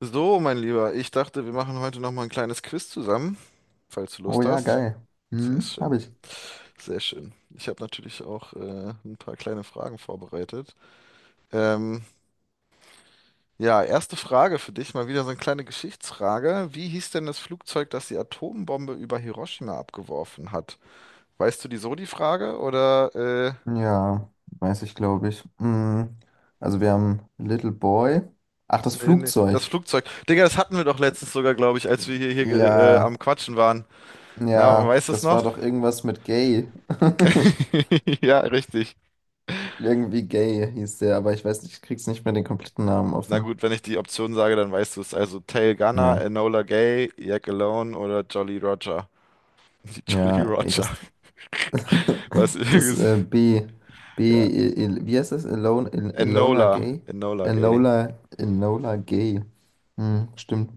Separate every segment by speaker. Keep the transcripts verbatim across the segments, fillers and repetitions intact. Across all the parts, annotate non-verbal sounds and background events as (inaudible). Speaker 1: So, mein Lieber, ich dachte, wir machen heute noch mal ein kleines Quiz zusammen, falls du
Speaker 2: Oh
Speaker 1: Lust
Speaker 2: ja,
Speaker 1: hast.
Speaker 2: geil.
Speaker 1: Sehr
Speaker 2: Hm,
Speaker 1: schön,
Speaker 2: habe ich.
Speaker 1: sehr schön. Ich habe natürlich auch äh, ein paar kleine Fragen vorbereitet. Ähm, ja, erste Frage für dich, mal wieder so eine kleine Geschichtsfrage. Wie hieß denn das Flugzeug, das die Atombombe über Hiroshima abgeworfen hat? Weißt du die so die Frage oder äh,
Speaker 2: Ja, weiß ich, glaube ich. Hm, also wir haben Little Boy. Ach, das
Speaker 1: nee, nee, das
Speaker 2: Flugzeug.
Speaker 1: Flugzeug? Digga, das hatten wir doch letztens sogar, glaube ich, als wir hier, hier ge- äh,
Speaker 2: Ja,
Speaker 1: am Quatschen waren. Na,
Speaker 2: ja,
Speaker 1: weißt du es
Speaker 2: das war
Speaker 1: noch?
Speaker 2: doch irgendwas mit Gay. (laughs)
Speaker 1: (laughs) Ja, richtig.
Speaker 2: Irgendwie Gay hieß der, aber ich weiß nicht, ich krieg's nicht mehr den kompletten Namen
Speaker 1: Na
Speaker 2: offen.
Speaker 1: gut, wenn ich die Option sage, dann weißt du es. Also Tail Gunner,
Speaker 2: Ja,
Speaker 1: Enola Gay, Jack Alone oder Jolly Roger. (laughs) Die Jolly
Speaker 2: ja, ey,
Speaker 1: Roger.
Speaker 2: das,
Speaker 1: (laughs) Was
Speaker 2: (laughs) das
Speaker 1: ist.
Speaker 2: äh, B, B,
Speaker 1: Ja.
Speaker 2: I- I- wie heißt das? Alone, I- Ilona
Speaker 1: Enola.
Speaker 2: Gay?
Speaker 1: Enola Gay.
Speaker 2: Enola, Enola Gay. Hm, stimmt.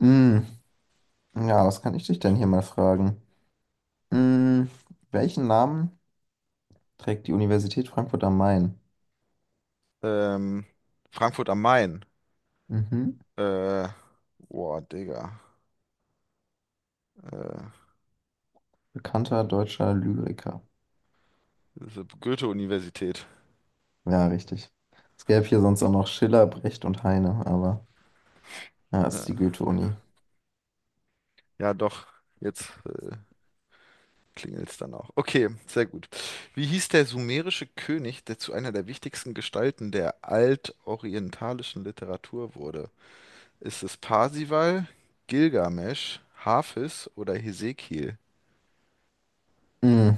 Speaker 2: Hm. Ja, was kann ich dich denn hier mal fragen? Hm, welchen Namen trägt die Universität Frankfurt am Main?
Speaker 1: Ähm, Frankfurt am Main.
Speaker 2: Mhm.
Speaker 1: Äh, Boah, Digga. Äh,
Speaker 2: Bekannter deutscher Lyriker.
Speaker 1: Diese Goethe-Universität.
Speaker 2: Ja, richtig. Es gäbe hier sonst auch noch Schiller, Brecht und Heine, aber ja, ist die
Speaker 1: Ja.
Speaker 2: Goethe-Uni.
Speaker 1: Ja, doch. Jetzt äh, klingelt's dann auch. Okay, sehr gut. Wie hieß der sumerische König, der zu einer der wichtigsten Gestalten der altorientalischen Literatur wurde? Ist es Parsival, Gilgamesch, Hafis oder Hesekiel?
Speaker 2: Hm,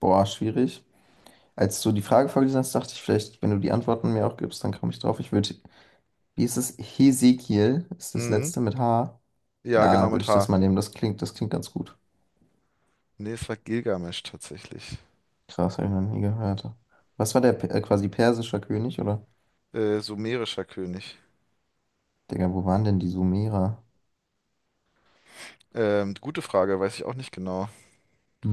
Speaker 2: boah, schwierig. Als du die Frage vorgelesen hast, dachte ich vielleicht, wenn du die Antworten mir auch gibst, dann komme ich drauf. Ich würde, wie ist es? Hesekiel ist das
Speaker 1: Mhm.
Speaker 2: letzte mit H.
Speaker 1: Ja, genau
Speaker 2: Ja, würde
Speaker 1: mit
Speaker 2: ich das
Speaker 1: H.
Speaker 2: mal nehmen. Das klingt, das klingt ganz gut.
Speaker 1: Nee, es war Gilgamesch tatsächlich.
Speaker 2: Krass, habe ich noch nie gehört. Was war der Pe- äh, quasi persischer König, oder?
Speaker 1: Äh, sumerischer König.
Speaker 2: Digga, wo waren denn die Sumerer?
Speaker 1: Ähm, gute Frage, weiß ich auch nicht genau,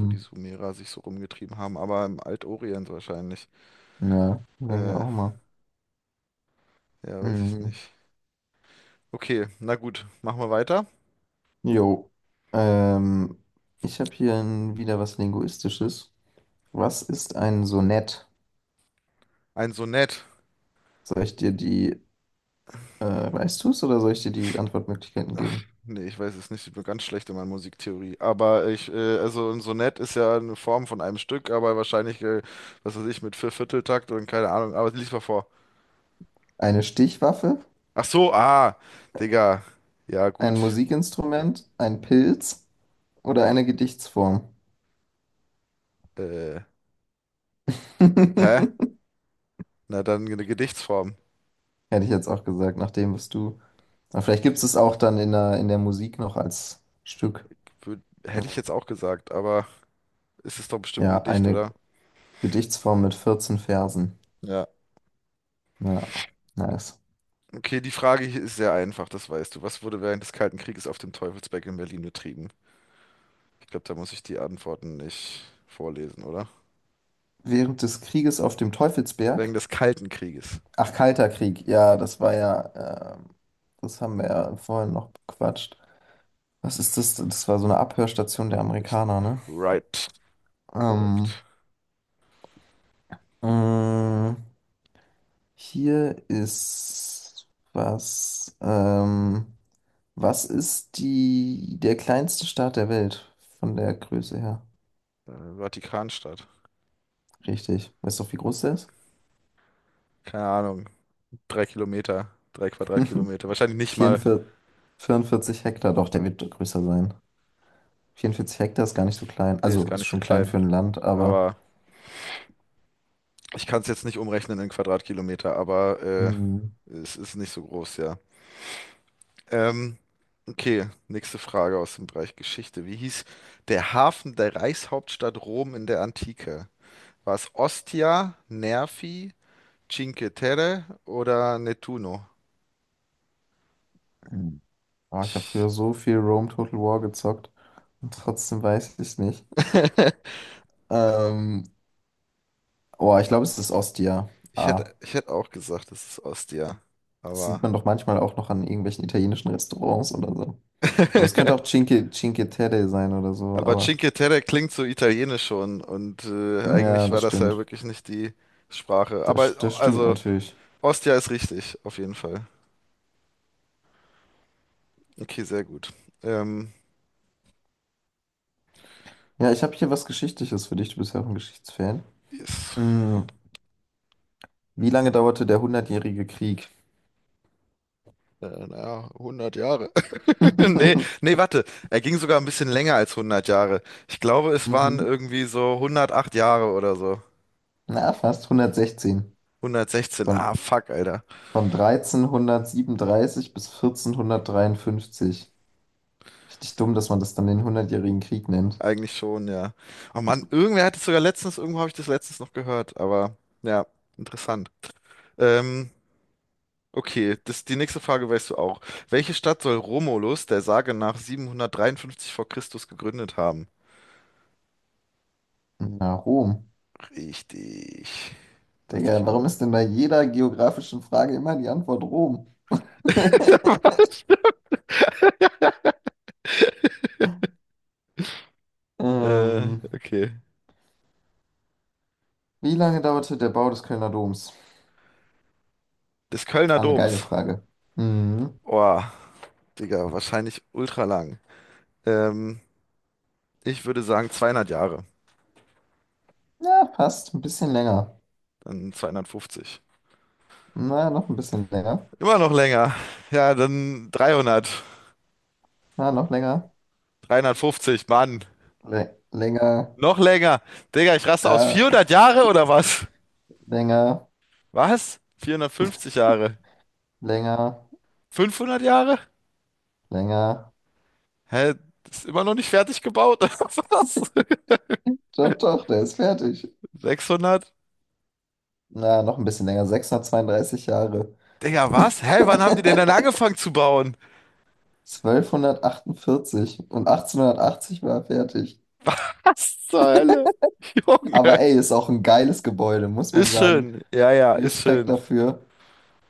Speaker 1: wo die Sumerer sich so rumgetrieben haben, aber im Altorient wahrscheinlich.
Speaker 2: Ja, denke ich
Speaker 1: Äh,
Speaker 2: auch mal.
Speaker 1: ja, weiß ich
Speaker 2: Mhm.
Speaker 1: nicht. Okay, na gut, machen wir weiter.
Speaker 2: Jo. Ähm, ich habe hier ein, wieder was Linguistisches. Was ist ein Sonett?
Speaker 1: Ein Sonett.
Speaker 2: Soll ich dir die, äh, weißt du es, oder soll ich dir die Antwortmöglichkeiten
Speaker 1: Ach,
Speaker 2: geben?
Speaker 1: nee, ich weiß es nicht. Ich bin ganz schlecht in meiner Musiktheorie. Aber ich, äh, also ein Sonett ist ja eine Form von einem Stück, aber wahrscheinlich, äh, was weiß ich, mit Viervierteltakt und keine Ahnung. Aber lies mal vor.
Speaker 2: Eine Stichwaffe,
Speaker 1: Ach so, ah, Digga. Ja,
Speaker 2: ein
Speaker 1: gut.
Speaker 2: Musikinstrument, ein Pilz oder eine Gedichtsform?
Speaker 1: Äh,
Speaker 2: (laughs)
Speaker 1: Hä?
Speaker 2: Hätte
Speaker 1: Na dann eine Gedichtsform.
Speaker 2: ich jetzt auch gesagt, nach dem, was du aber vielleicht gibt es es auch dann in der, in der Musik noch als Stück.
Speaker 1: Wür- Hätte ich jetzt auch gesagt, aber ist es doch bestimmt ein
Speaker 2: Ja,
Speaker 1: Gedicht,
Speaker 2: eine
Speaker 1: oder?
Speaker 2: Gedichtsform mit vierzehn Versen.
Speaker 1: Ja.
Speaker 2: Ja, nice.
Speaker 1: Okay, die Frage hier ist sehr einfach, das weißt du. Was wurde während des Kalten Krieges auf dem Teufelsberg in Berlin betrieben? Ich glaube, da muss ich die Antworten nicht vorlesen, oder?
Speaker 2: Während des Krieges auf dem
Speaker 1: Wegen
Speaker 2: Teufelsberg.
Speaker 1: des Kalten Krieges.
Speaker 2: Ach, Kalter Krieg. Ja, das war ja, ähm, das haben wir ja vorhin noch bequatscht. Was ist das? Das war so eine Abhörstation der
Speaker 1: Ich,
Speaker 2: Amerikaner, ne?
Speaker 1: right,
Speaker 2: Ähm,
Speaker 1: korrekt.
Speaker 2: mh, hier ist was. Ähm, was ist die, der kleinste Staat der Welt von der Größe her?
Speaker 1: Äh, Vatikanstadt.
Speaker 2: Richtig. Weißt du, wie groß der ist?
Speaker 1: Keine Ahnung. Drei Kilometer, drei
Speaker 2: (laughs)
Speaker 1: Quadratkilometer. Wahrscheinlich nicht mal.
Speaker 2: vierundvierzig, vierundvierzig Hektar, doch, der wird größer sein. vierundvierzig Hektar ist gar nicht so klein.
Speaker 1: Nee, ist
Speaker 2: Also
Speaker 1: gar
Speaker 2: ist
Speaker 1: nicht so
Speaker 2: schon klein
Speaker 1: klein.
Speaker 2: für ein Land, aber.
Speaker 1: Aber ich kann es jetzt nicht umrechnen in Quadratkilometer, aber äh,
Speaker 2: Mhm.
Speaker 1: es ist nicht so groß, ja. Ähm, okay, nächste Frage aus dem Bereich Geschichte. Wie hieß der Hafen der Reichshauptstadt Rom in der Antike? War es Ostia, Nervi, Cinque Terre oder Nettuno?
Speaker 2: Mhm. Oh, ich habe früher so viel Rome Total War gezockt und trotzdem weiß ich es nicht.
Speaker 1: (laughs)
Speaker 2: Ähm, oh, ich glaube, es ist Ostia.
Speaker 1: Ich
Speaker 2: Ah,
Speaker 1: hätte, ich hätte auch gesagt, es ist Ostia.
Speaker 2: das sieht
Speaker 1: Aber,
Speaker 2: man doch manchmal auch noch an irgendwelchen italienischen Restaurants oder so. Aber es könnte auch
Speaker 1: (laughs)
Speaker 2: Cinque, Cinque Terre sein oder so,
Speaker 1: aber
Speaker 2: aber
Speaker 1: Cinque Terre klingt so italienisch schon und äh,
Speaker 2: ja,
Speaker 1: eigentlich war
Speaker 2: das
Speaker 1: das ja
Speaker 2: stimmt.
Speaker 1: wirklich nicht die Sprache. Aber
Speaker 2: Das, das stimmt
Speaker 1: also
Speaker 2: natürlich.
Speaker 1: Ostia ist richtig, auf jeden Fall. Okay, sehr gut. Ähm,
Speaker 2: Ja, ich habe hier was Geschichtliches für dich. Du bist ja auch ein Geschichtsfan.
Speaker 1: ist,
Speaker 2: Mm, Wie lange dauerte der Hundertjährige Krieg?
Speaker 1: äh, naja, hundert Jahre. (laughs) Nee,
Speaker 2: (laughs)
Speaker 1: nee, warte. Er ging sogar ein bisschen länger als hundert Jahre. Ich glaube, es waren
Speaker 2: Mhm.
Speaker 1: irgendwie so hundertacht Jahre oder so.
Speaker 2: Na, fast hundertsechzehn.
Speaker 1: hundertsechzehn.
Speaker 2: Von,
Speaker 1: Ah, fuck, Alter.
Speaker 2: von dreizehnhundertsiebenunddreißig bis vierzehnhundertdreiundfünfzig. Richtig dumm, dass man das dann den Hundertjährigen Krieg nennt.
Speaker 1: Eigentlich schon, ja. Oh Mann, irgendwer hat es sogar letztens, irgendwo habe ich das letztens noch gehört, aber ja, interessant. Ähm, okay, das, die nächste Frage weißt du auch. Welche Stadt soll Romulus der Sage nach siebenhundertdreiundfünfzig vor Christus gegründet haben?
Speaker 2: Na, Rom.
Speaker 1: Richtig. Lass dich
Speaker 2: Digga, warum
Speaker 1: irgendwie.
Speaker 2: ist denn bei jeder geografischen Frage immer die Antwort Rom? (laughs)
Speaker 1: (laughs) Äh,
Speaker 2: Ähm,
Speaker 1: okay.
Speaker 2: wie lange dauerte der Bau des Kölner Doms?
Speaker 1: Des Kölner
Speaker 2: Ah, eine geile
Speaker 1: Doms.
Speaker 2: Frage. Mhm.
Speaker 1: Oh, Digga, wahrscheinlich ultra lang. Ähm, Ich würde sagen zweihundert Jahre.
Speaker 2: Ja, fast. Ein bisschen länger.
Speaker 1: Dann zweihundertfünfzig.
Speaker 2: Na, noch ein bisschen länger.
Speaker 1: Immer noch länger. Ja, dann dreihundert.
Speaker 2: Na, noch länger.
Speaker 1: dreihundertfünfzig, Mann.
Speaker 2: Lä- länger.
Speaker 1: Noch länger. Digga, ich raste aus.
Speaker 2: Ja, (laughs)
Speaker 1: vierhundert Jahre oder was?
Speaker 2: länger.
Speaker 1: Was? vierhundertfünfzig Jahre.
Speaker 2: Länger.
Speaker 1: fünfhundert Jahre?
Speaker 2: Länger.
Speaker 1: Hä? Ist immer noch nicht fertig gebaut? (laughs) oder Was?
Speaker 2: Doch, doch, der ist fertig.
Speaker 1: sechshundert?
Speaker 2: Na, noch ein bisschen länger. Sechshundertzweiunddreißig Jahre.
Speaker 1: Digga, was? Hä? Wann haben die denn dann angefangen zu bauen?
Speaker 2: Zwölfhundertachtundvierzig und achtzehnhundertachtzig war er fertig.
Speaker 1: (laughs) Was zur Hölle? (laughs)
Speaker 2: Aber
Speaker 1: Junge.
Speaker 2: ey, ist auch ein geiles Gebäude, muss man
Speaker 1: Ist
Speaker 2: sagen.
Speaker 1: schön. Ja, ja, ist
Speaker 2: Respekt
Speaker 1: schön.
Speaker 2: dafür.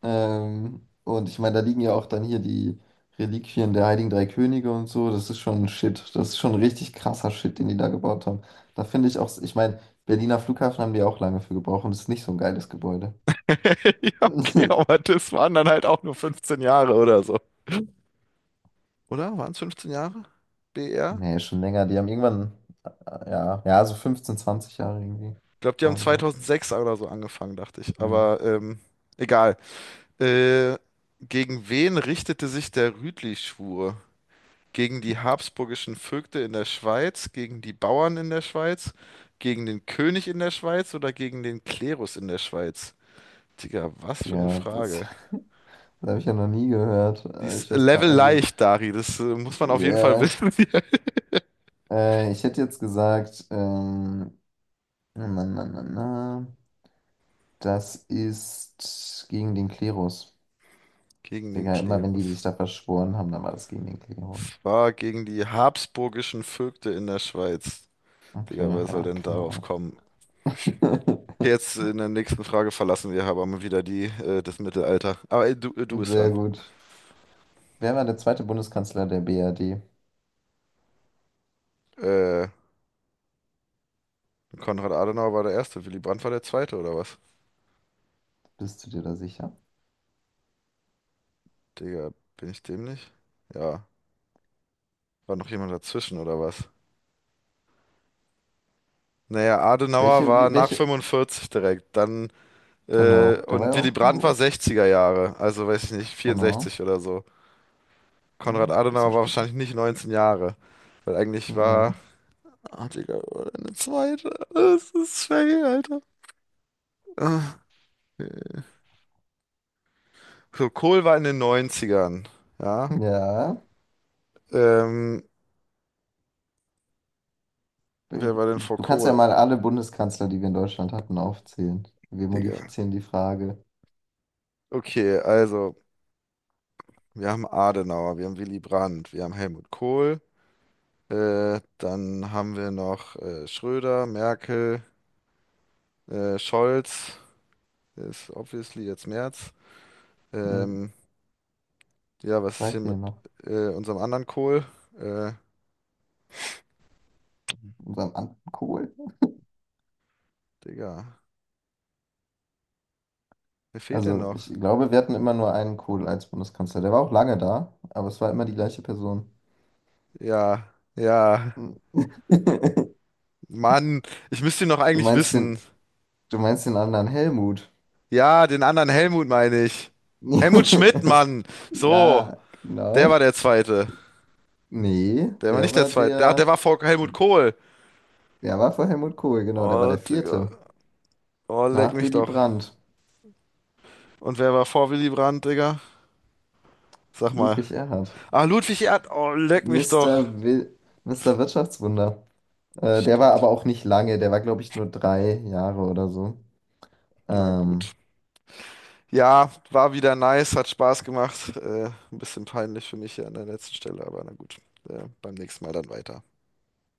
Speaker 2: Ähm, und ich meine, da liegen ja auch dann hier die Reliquien der Heiligen Drei Könige und so. Das ist schon Shit. Das ist schon richtig krasser Shit, den die da gebaut haben. Da finde ich auch, ich meine, Berliner Flughafen haben die auch lange für gebraucht und es ist nicht so ein geiles Gebäude.
Speaker 1: (laughs) Ja, okay,
Speaker 2: (laughs)
Speaker 1: aber das waren dann halt auch nur fünfzehn Jahre oder so. Oder? Waren es fünfzehn Jahre? B R?
Speaker 2: Nee, schon länger. Die haben irgendwann, äh, ja, ja, so fünfzehn, zwanzig Jahre irgendwie.
Speaker 1: Ich glaube, die haben
Speaker 2: Roundabout.
Speaker 1: zweitausendsechs oder so angefangen, dachte ich.
Speaker 2: Hm.
Speaker 1: Aber ähm, egal. Äh, Gegen wen richtete sich der Rütli-Schwur? Gegen die habsburgischen Vögte in der Schweiz, gegen die Bauern in der Schweiz, gegen den König in der Schweiz oder gegen den Klerus in der Schweiz? Digga, was für eine
Speaker 2: Ja, das,
Speaker 1: Frage.
Speaker 2: (laughs) das habe ich ja noch nie gehört.
Speaker 1: Die
Speaker 2: Äh,
Speaker 1: ist
Speaker 2: Ich weiß gar
Speaker 1: Level
Speaker 2: nicht, also,
Speaker 1: leicht, Dari. Das äh, muss man auf jeden Fall
Speaker 2: ja,
Speaker 1: wissen.
Speaker 2: äh, ich hätte jetzt gesagt, ähm, na, na, na, na. Das ist gegen den Klerus.
Speaker 1: (laughs) Gegen den
Speaker 2: Digga, immer wenn die
Speaker 1: Klerus.
Speaker 2: sich da verschworen haben, dann war das gegen den Klerus.
Speaker 1: Es war gegen die habsburgischen Vögte in der Schweiz.
Speaker 2: Okay,
Speaker 1: Digga, wer soll
Speaker 2: ja,
Speaker 1: denn
Speaker 2: keine
Speaker 1: darauf
Speaker 2: Ahnung.
Speaker 1: kommen? Okay,
Speaker 2: (laughs)
Speaker 1: jetzt in der nächsten Frage verlassen wir aber mal wieder die, äh, das Mittelalter. Aber äh, du, äh, du bist
Speaker 2: Sehr
Speaker 1: dran.
Speaker 2: gut. Wer war der zweite Bundeskanzler der B R D?
Speaker 1: Äh, Konrad Adenauer war der Erste, Willy Brandt war der Zweite oder was?
Speaker 2: Bist du dir da sicher?
Speaker 1: Digga, bin ich dämlich? Ja, war noch jemand dazwischen oder was? Naja, Adenauer
Speaker 2: Welche,
Speaker 1: war
Speaker 2: wie-
Speaker 1: nach
Speaker 2: welche?
Speaker 1: fünfundvierzig direkt, dann äh,
Speaker 2: Genau, der war ja
Speaker 1: und Willy
Speaker 2: auch.
Speaker 1: Brandt war
Speaker 2: Oh,
Speaker 1: sechziger Jahre, also weiß ich nicht,
Speaker 2: genau.
Speaker 1: vierundsechzig oder so. Konrad
Speaker 2: Hm,
Speaker 1: Adenauer
Speaker 2: bisschen
Speaker 1: war
Speaker 2: später.
Speaker 1: wahrscheinlich nicht neunzehn Jahre, weil eigentlich
Speaker 2: Nee.
Speaker 1: war, ah, Digga, eine zweite. Das ist schwer, Alter. Ah. Nee. So, Kohl war in den Neunzigern, ja.
Speaker 2: (laughs) Ja.
Speaker 1: Ähm, Wer war denn vor
Speaker 2: Du kannst ja
Speaker 1: Kohl,
Speaker 2: mal alle Bundeskanzler, die wir in Deutschland hatten, aufzählen. Wir
Speaker 1: Digga?
Speaker 2: modifizieren die Frage.
Speaker 1: Okay, also, wir haben Adenauer, wir haben Willy Brandt, wir haben Helmut Kohl, äh, dann haben wir noch äh, Schröder, Merkel, äh, Scholz, ist obviously jetzt Merz.
Speaker 2: Hm,
Speaker 1: Ähm, ja, was ist
Speaker 2: zwei
Speaker 1: hier mit
Speaker 2: fehlen noch.
Speaker 1: äh, unserem anderen Kohl? Äh,
Speaker 2: Unserem Amt Kohl.
Speaker 1: Digga, wer fehlt denn
Speaker 2: Also,
Speaker 1: noch?
Speaker 2: ich glaube, wir hatten immer nur einen Kohl als Bundeskanzler. Der war auch lange da, aber es war immer die gleiche Person.
Speaker 1: Ja, ja,
Speaker 2: Hm. (laughs)
Speaker 1: Mann, ich müsste ihn noch
Speaker 2: Du
Speaker 1: eigentlich
Speaker 2: meinst
Speaker 1: wissen.
Speaker 2: den, du meinst den anderen Helmut?
Speaker 1: Ja, den anderen Helmut meine ich. Helmut Schmidt, Mann.
Speaker 2: (laughs)
Speaker 1: So,
Speaker 2: Ja,
Speaker 1: der war
Speaker 2: genau.
Speaker 1: der Zweite.
Speaker 2: Nee,
Speaker 1: Der war
Speaker 2: der
Speaker 1: nicht der
Speaker 2: war
Speaker 1: Zweite. Der, der
Speaker 2: der,
Speaker 1: war vor Helmut Kohl.
Speaker 2: der war vor Helmut Kohl, genau, der war
Speaker 1: Oh,
Speaker 2: der
Speaker 1: Digga.
Speaker 2: vierte.
Speaker 1: Oh, leck
Speaker 2: Nach
Speaker 1: mich
Speaker 2: Willy
Speaker 1: doch.
Speaker 2: Brandt,
Speaker 1: Und wer war vor Willy Brandt, Digga? Sag mal.
Speaker 2: Ludwig Erhard.
Speaker 1: Ah, Ludwig Erd. Oh, leck mich doch.
Speaker 2: Mister Will, Mister Wirtschaftswunder. Äh, der war
Speaker 1: Stimmt.
Speaker 2: aber auch nicht lange, der war, glaube ich, nur drei Jahre oder so.
Speaker 1: Na
Speaker 2: Ähm,
Speaker 1: gut. Ja, war wieder nice, hat Spaß gemacht. Äh, ein bisschen peinlich für mich hier an der letzten Stelle, aber na gut. Äh, beim nächsten Mal dann weiter.